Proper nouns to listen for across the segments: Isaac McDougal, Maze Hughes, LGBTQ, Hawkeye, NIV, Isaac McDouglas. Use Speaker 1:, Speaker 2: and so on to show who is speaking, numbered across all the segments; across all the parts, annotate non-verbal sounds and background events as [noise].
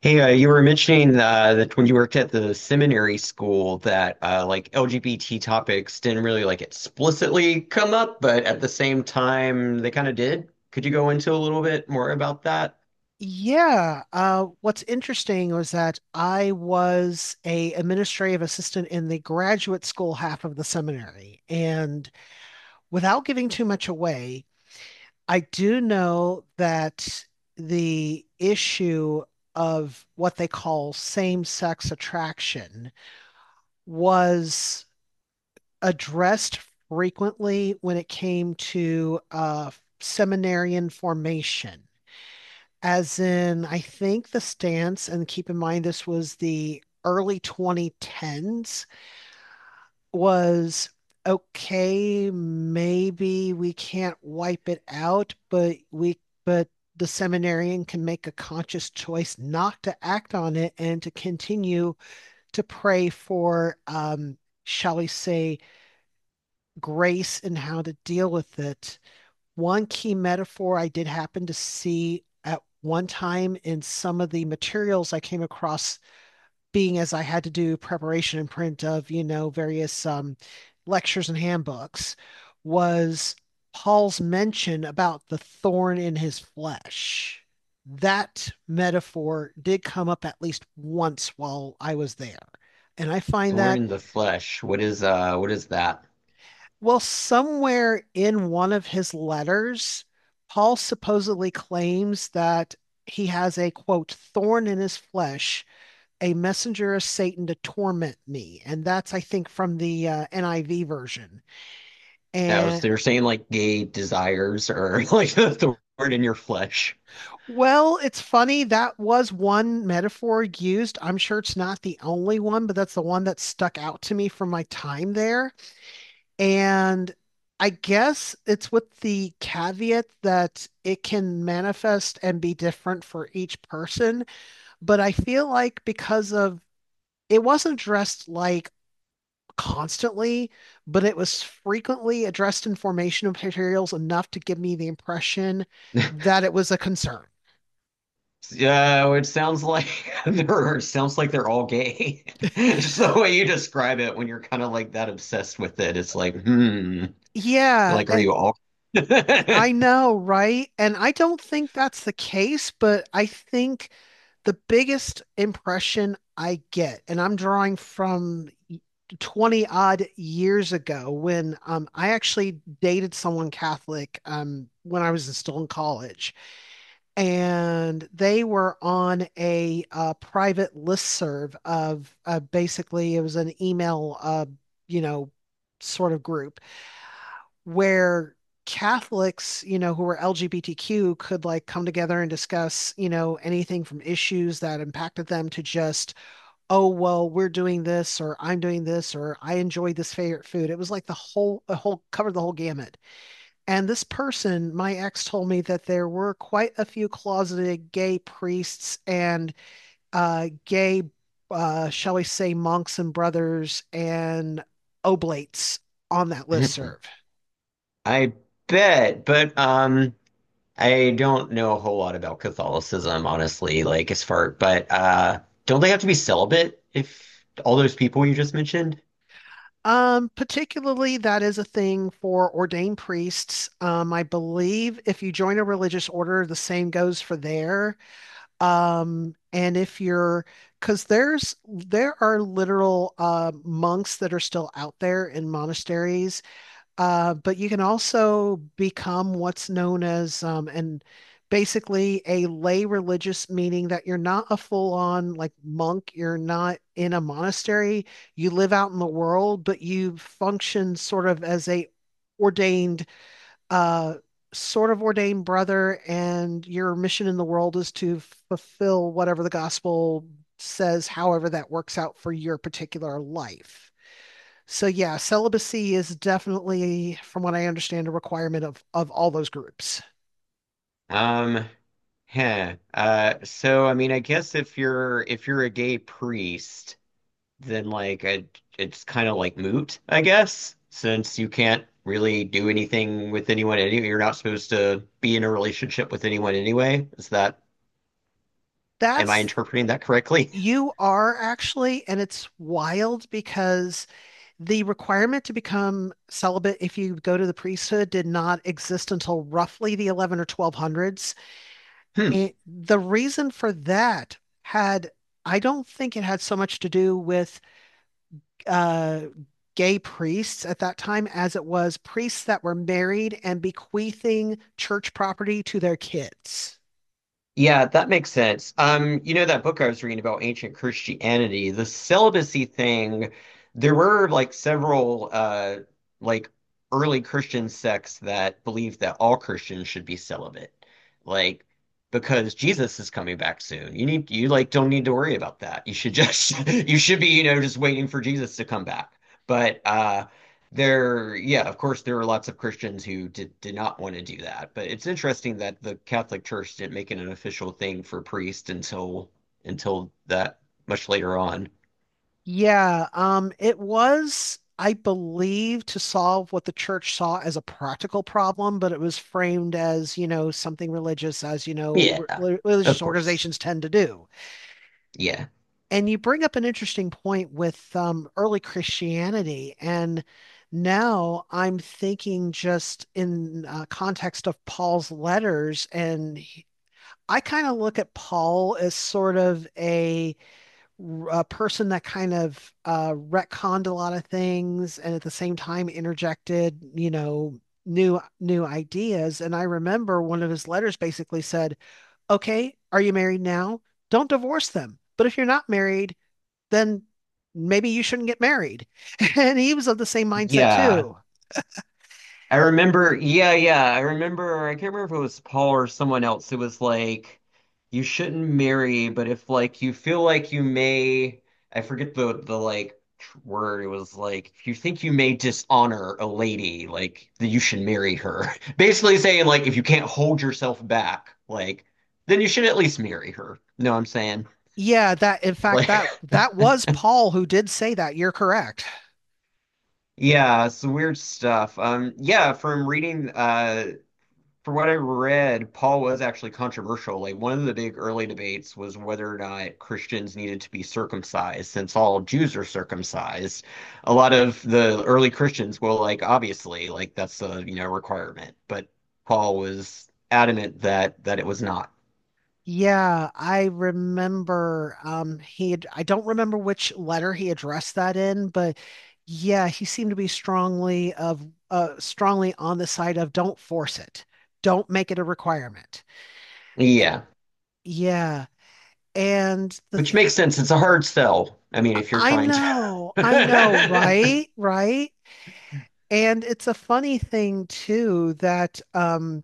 Speaker 1: Hey, you were mentioning that when you worked at the seminary school that like LGBT topics didn't really like explicitly come up, but at the same time they kind of did. Could you go into a little bit more about that?
Speaker 2: Yeah, what's interesting was that I was a administrative assistant in the graduate school half of the seminary, and without giving too much away, I do know that the issue of what they call same-sex attraction was addressed frequently when it came to seminarian formation. As in, I think the stance, and keep in mind this was the early 2010s, was, okay, maybe we can't wipe it out, but the seminarian can make a conscious choice not to act on it and to continue to pray for, shall we say, grace in how to deal with it. One key metaphor I did happen to see at one time in some of the materials I came across, being as I had to do preparation and print of various lectures and handbooks, was Paul's mention about the thorn in his flesh. That metaphor did come up at least once while I was there. And I find
Speaker 1: Thorn
Speaker 2: that
Speaker 1: in the flesh. What is that?
Speaker 2: Well, somewhere in one of his letters, Paul supposedly claims that he has a quote, thorn in his flesh, a messenger of Satan to torment me. And that's, I think, from the NIV version.
Speaker 1: Oh, so
Speaker 2: And
Speaker 1: they are saying like gay desires or [laughs] like the thorn in your flesh.
Speaker 2: well, it's funny. That was one metaphor used. I'm sure it's not the only one, but that's the one that stuck out to me from my time there. And I guess it's with the caveat that it can manifest and be different for each person. But I feel like, because of it wasn't addressed like constantly, but it was frequently addressed in formational materials enough to give me the impression
Speaker 1: [laughs]
Speaker 2: that it was a concern.
Speaker 1: Yeah, it sounds like [laughs] they're it sounds like they're all gay. [laughs] Just the way you describe it when you're kind of like that obsessed with it, it's like, hmm.
Speaker 2: Yeah.
Speaker 1: Like, are you
Speaker 2: And
Speaker 1: all? [laughs]
Speaker 2: I know, right? And I don't think that's the case, but I think the biggest impression I get, and I'm drawing from 20 odd years ago, when I actually dated someone Catholic when I was still in college. And they were on a private listserv of, basically, it was an email, you know, sort of group where Catholics, who were LGBTQ could like come together and discuss anything from issues that impacted them to just, oh, well, we're doing this or I'm doing this or I enjoy this favorite food. It was like a whole covered the whole gamut. And this person, my ex, told me that there were quite a few closeted gay priests and, gay, shall we say, monks and brothers and oblates on that list serve.
Speaker 1: I bet, but I don't know a whole lot about Catholicism, honestly. Like, as far, but don't they have to be celibate if all those people you just mentioned?
Speaker 2: Particularly, that is a thing for ordained priests. I believe if you join a religious order, the same goes for there. And if you're, because there are literal monks that are still out there in monasteries, but you can also become what's known as and basically a lay religious, meaning that you're not a full-on like monk, you're not in a monastery, you live out in the world, but you function sort of as a ordained uh, sort of ordained brother, and your mission in the world is to fulfill whatever the gospel says, however that works out for your particular life. So yeah, celibacy is definitely, from what I understand, a requirement of all those groups.
Speaker 1: Um, huh. So I mean, I guess if you're a gay priest. Then like it's kind of like moot, I guess, since you can't really do anything with anyone anyway. You're not supposed to be in a relationship with anyone anyway. Is that, am I
Speaker 2: That's
Speaker 1: interpreting that correctly?
Speaker 2: You are actually, and it's wild because the requirement to become celibate if you go to the priesthood did not exist until roughly the 11 or 1200s.
Speaker 1: [laughs] Hmm.
Speaker 2: And the reason for that had, I don't think it had so much to do with uh, gay priests at that time as it was priests that were married and bequeathing church property to their kids.
Speaker 1: Yeah, that makes sense. You know that book I was reading about ancient Christianity, the celibacy thing, there were like several like early Christian sects that believed that all Christians should be celibate. Like because Jesus is coming back soon. You like don't need to worry about that. You should just [laughs] you should be, you know, just waiting for Jesus to come back. But there, yeah, of course, there are lots of Christians who did not want to do that, but it's interesting that the Catholic Church didn't make it an official thing for priests until that much later on.
Speaker 2: Yeah, it was, I believe, to solve what the church saw as a practical problem, but it was framed as, something religious, as,
Speaker 1: Yeah, of
Speaker 2: religious
Speaker 1: course.
Speaker 2: organizations tend to do.
Speaker 1: Yeah.
Speaker 2: And you bring up an interesting point with early Christianity. And now I'm thinking just in context of Paul's letters. And I kind of look at Paul as sort of a person that kind of retconned a lot of things and at the same time interjected new ideas. And I remember one of his letters basically said, okay, are you married now? Don't divorce them. But if you're not married, then maybe you shouldn't get married. [laughs] And he was of the same mindset
Speaker 1: Yeah.
Speaker 2: too.
Speaker 1: I remember, yeah, yeah. I remember, I can't remember if it was Paul or someone else. It was like, you shouldn't marry, but if like you feel like you may, I forget the word. It was like, if you think you may dishonor a lady, like that you should marry her. [laughs] Basically saying like, if you can't hold yourself back, like, then you should at least marry her. You know what I'm saying?
Speaker 2: Yeah, that in fact that
Speaker 1: Like,
Speaker 2: that was Paul who did say that. You're correct.
Speaker 1: [laughs] yeah, it's weird stuff. Yeah, from reading from what I read, Paul was actually controversial. Like one of the big early debates was whether or not Christians needed to be circumcised, since all Jews are circumcised. A lot of the early Christians well, like, obviously, like that's a you know requirement, but Paul was adamant that it was not.
Speaker 2: Yeah, I remember I don't remember which letter he addressed that in, but yeah, he seemed to be strongly on the side of don't force it. Don't make it a requirement. Eh,
Speaker 1: Yeah,
Speaker 2: Yeah, and the
Speaker 1: which
Speaker 2: th
Speaker 1: makes sense. It's a hard sell. I mean, if you're trying to.
Speaker 2: I know,
Speaker 1: [laughs]
Speaker 2: right? Right? And it's a funny thing too that,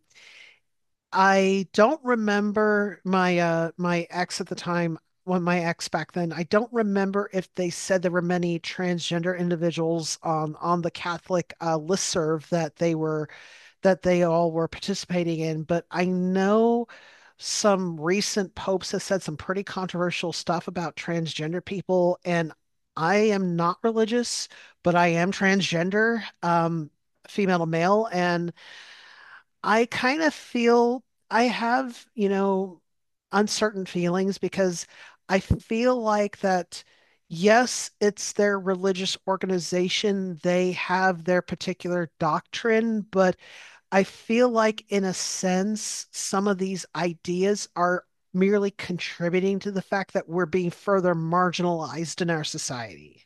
Speaker 2: I don't remember my ex at the time, when my ex back then, I don't remember if they said there were many transgender individuals on the Catholic listserv that they all were participating in. But I know some recent popes have said some pretty controversial stuff about transgender people. And I am not religious, but I am transgender, female to male. And I kind of feel I have, uncertain feelings, because I feel like that, yes, it's their religious organization. They have their particular doctrine, but I feel like, in a sense, some of these ideas are merely contributing to the fact that we're being further marginalized in our society.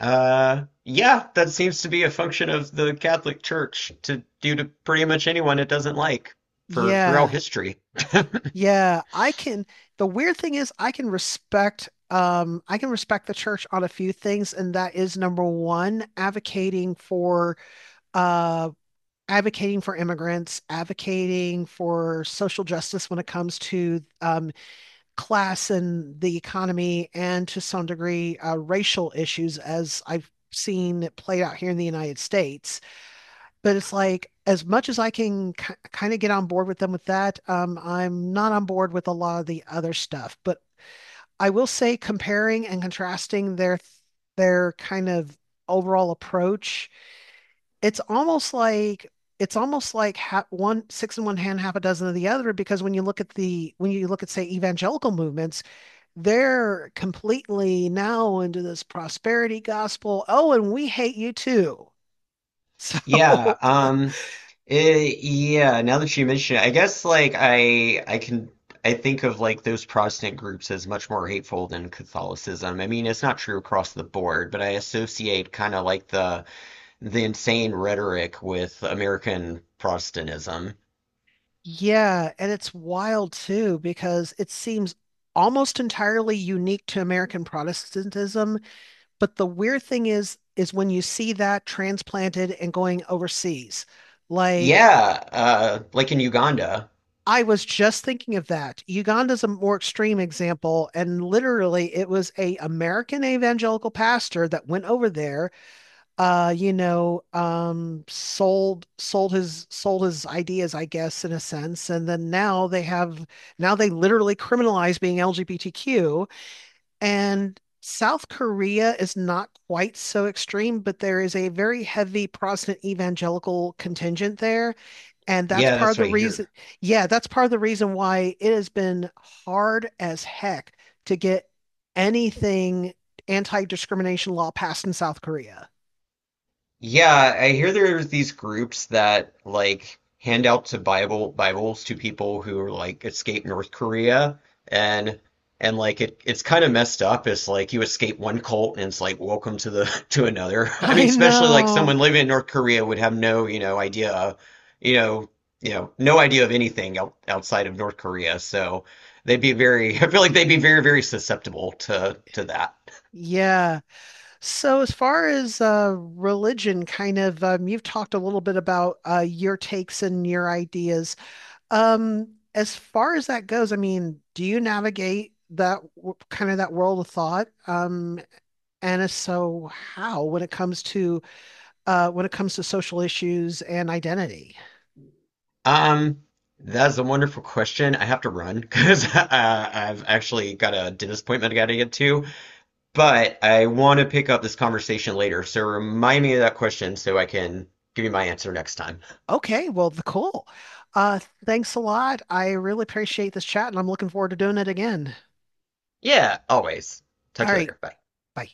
Speaker 1: Yeah, that seems to be a function of the Catholic Church to do to pretty much anyone it doesn't like for throughout
Speaker 2: Yeah,
Speaker 1: history.
Speaker 2: yeah. I can. The weird thing is, I can respect. I can respect the church on a few things, and that is number one, uh, advocating for immigrants, advocating for social justice when it comes to class and the economy, and to some degree racial issues, as I've seen it played out here in the United States. But it's like, as much as I can kind of get on board with them with that, I'm not on board with a lot of the other stuff. But I will say, comparing and contrasting their kind of overall approach, it's almost like it's almost like one six in one hand, half a dozen of the other. Because when you look at the when you look at say evangelical movements, they're completely now into this prosperity gospel. Oh, and we hate you too. [laughs] So,
Speaker 1: Yeah, yeah, now that you mention it, I guess like I can I think of like those Protestant groups as much more hateful than Catholicism. I mean, it's not true across the board, but I associate kind of like the insane rhetoric with American Protestantism.
Speaker 2: yeah, and it's wild too because it seems almost entirely unique to American Protestantism, but the weird thing is when you see that transplanted and going overseas. Like,
Speaker 1: Yeah, like in Uganda.
Speaker 2: I was just thinking of that. Uganda's a more extreme example, and literally it was a American evangelical pastor that went over there, sold his ideas, I guess, in a sense. And then now they literally criminalize being LGBTQ. And South Korea is not quite so extreme, but there is a very heavy Protestant evangelical contingent there. And that's
Speaker 1: Yeah,
Speaker 2: part
Speaker 1: that's
Speaker 2: of the
Speaker 1: what I
Speaker 2: reason,
Speaker 1: hear.
Speaker 2: yeah, that's part of the reason why it has been hard as heck to get anything anti-discrimination law passed in South Korea.
Speaker 1: Yeah, I hear there's these groups that like hand out to Bibles to people who like escape North Korea and and like it's kind of messed up. It's like you escape one cult and it's like welcome to the [laughs] to another. I mean,
Speaker 2: I
Speaker 1: especially like
Speaker 2: know.
Speaker 1: someone living in North Korea would have no, you know, idea of, you know, you know, no idea of anything outside of North Korea. So they'd be very [laughs] I feel like they'd be very susceptible to that.
Speaker 2: Yeah. So, as far as religion, kind of, you've talked a little bit about your takes and your ideas. As far as that goes, I mean, do you navigate that kind of that world of thought? And if so, how, when it comes to when it comes to social issues and identity?
Speaker 1: Um, that's a wonderful question. I have to run because [laughs] I've actually got a dentist appointment I got to get to, but I want to pick up this conversation later. So remind me of that question so I can give you my answer next time.
Speaker 2: Okay, well, the cool. Uh thanks a lot. I really appreciate this chat and I'm looking forward to doing it again.
Speaker 1: Yeah, always.
Speaker 2: All
Speaker 1: Talk to you
Speaker 2: right.
Speaker 1: later. Bye.
Speaker 2: Bye.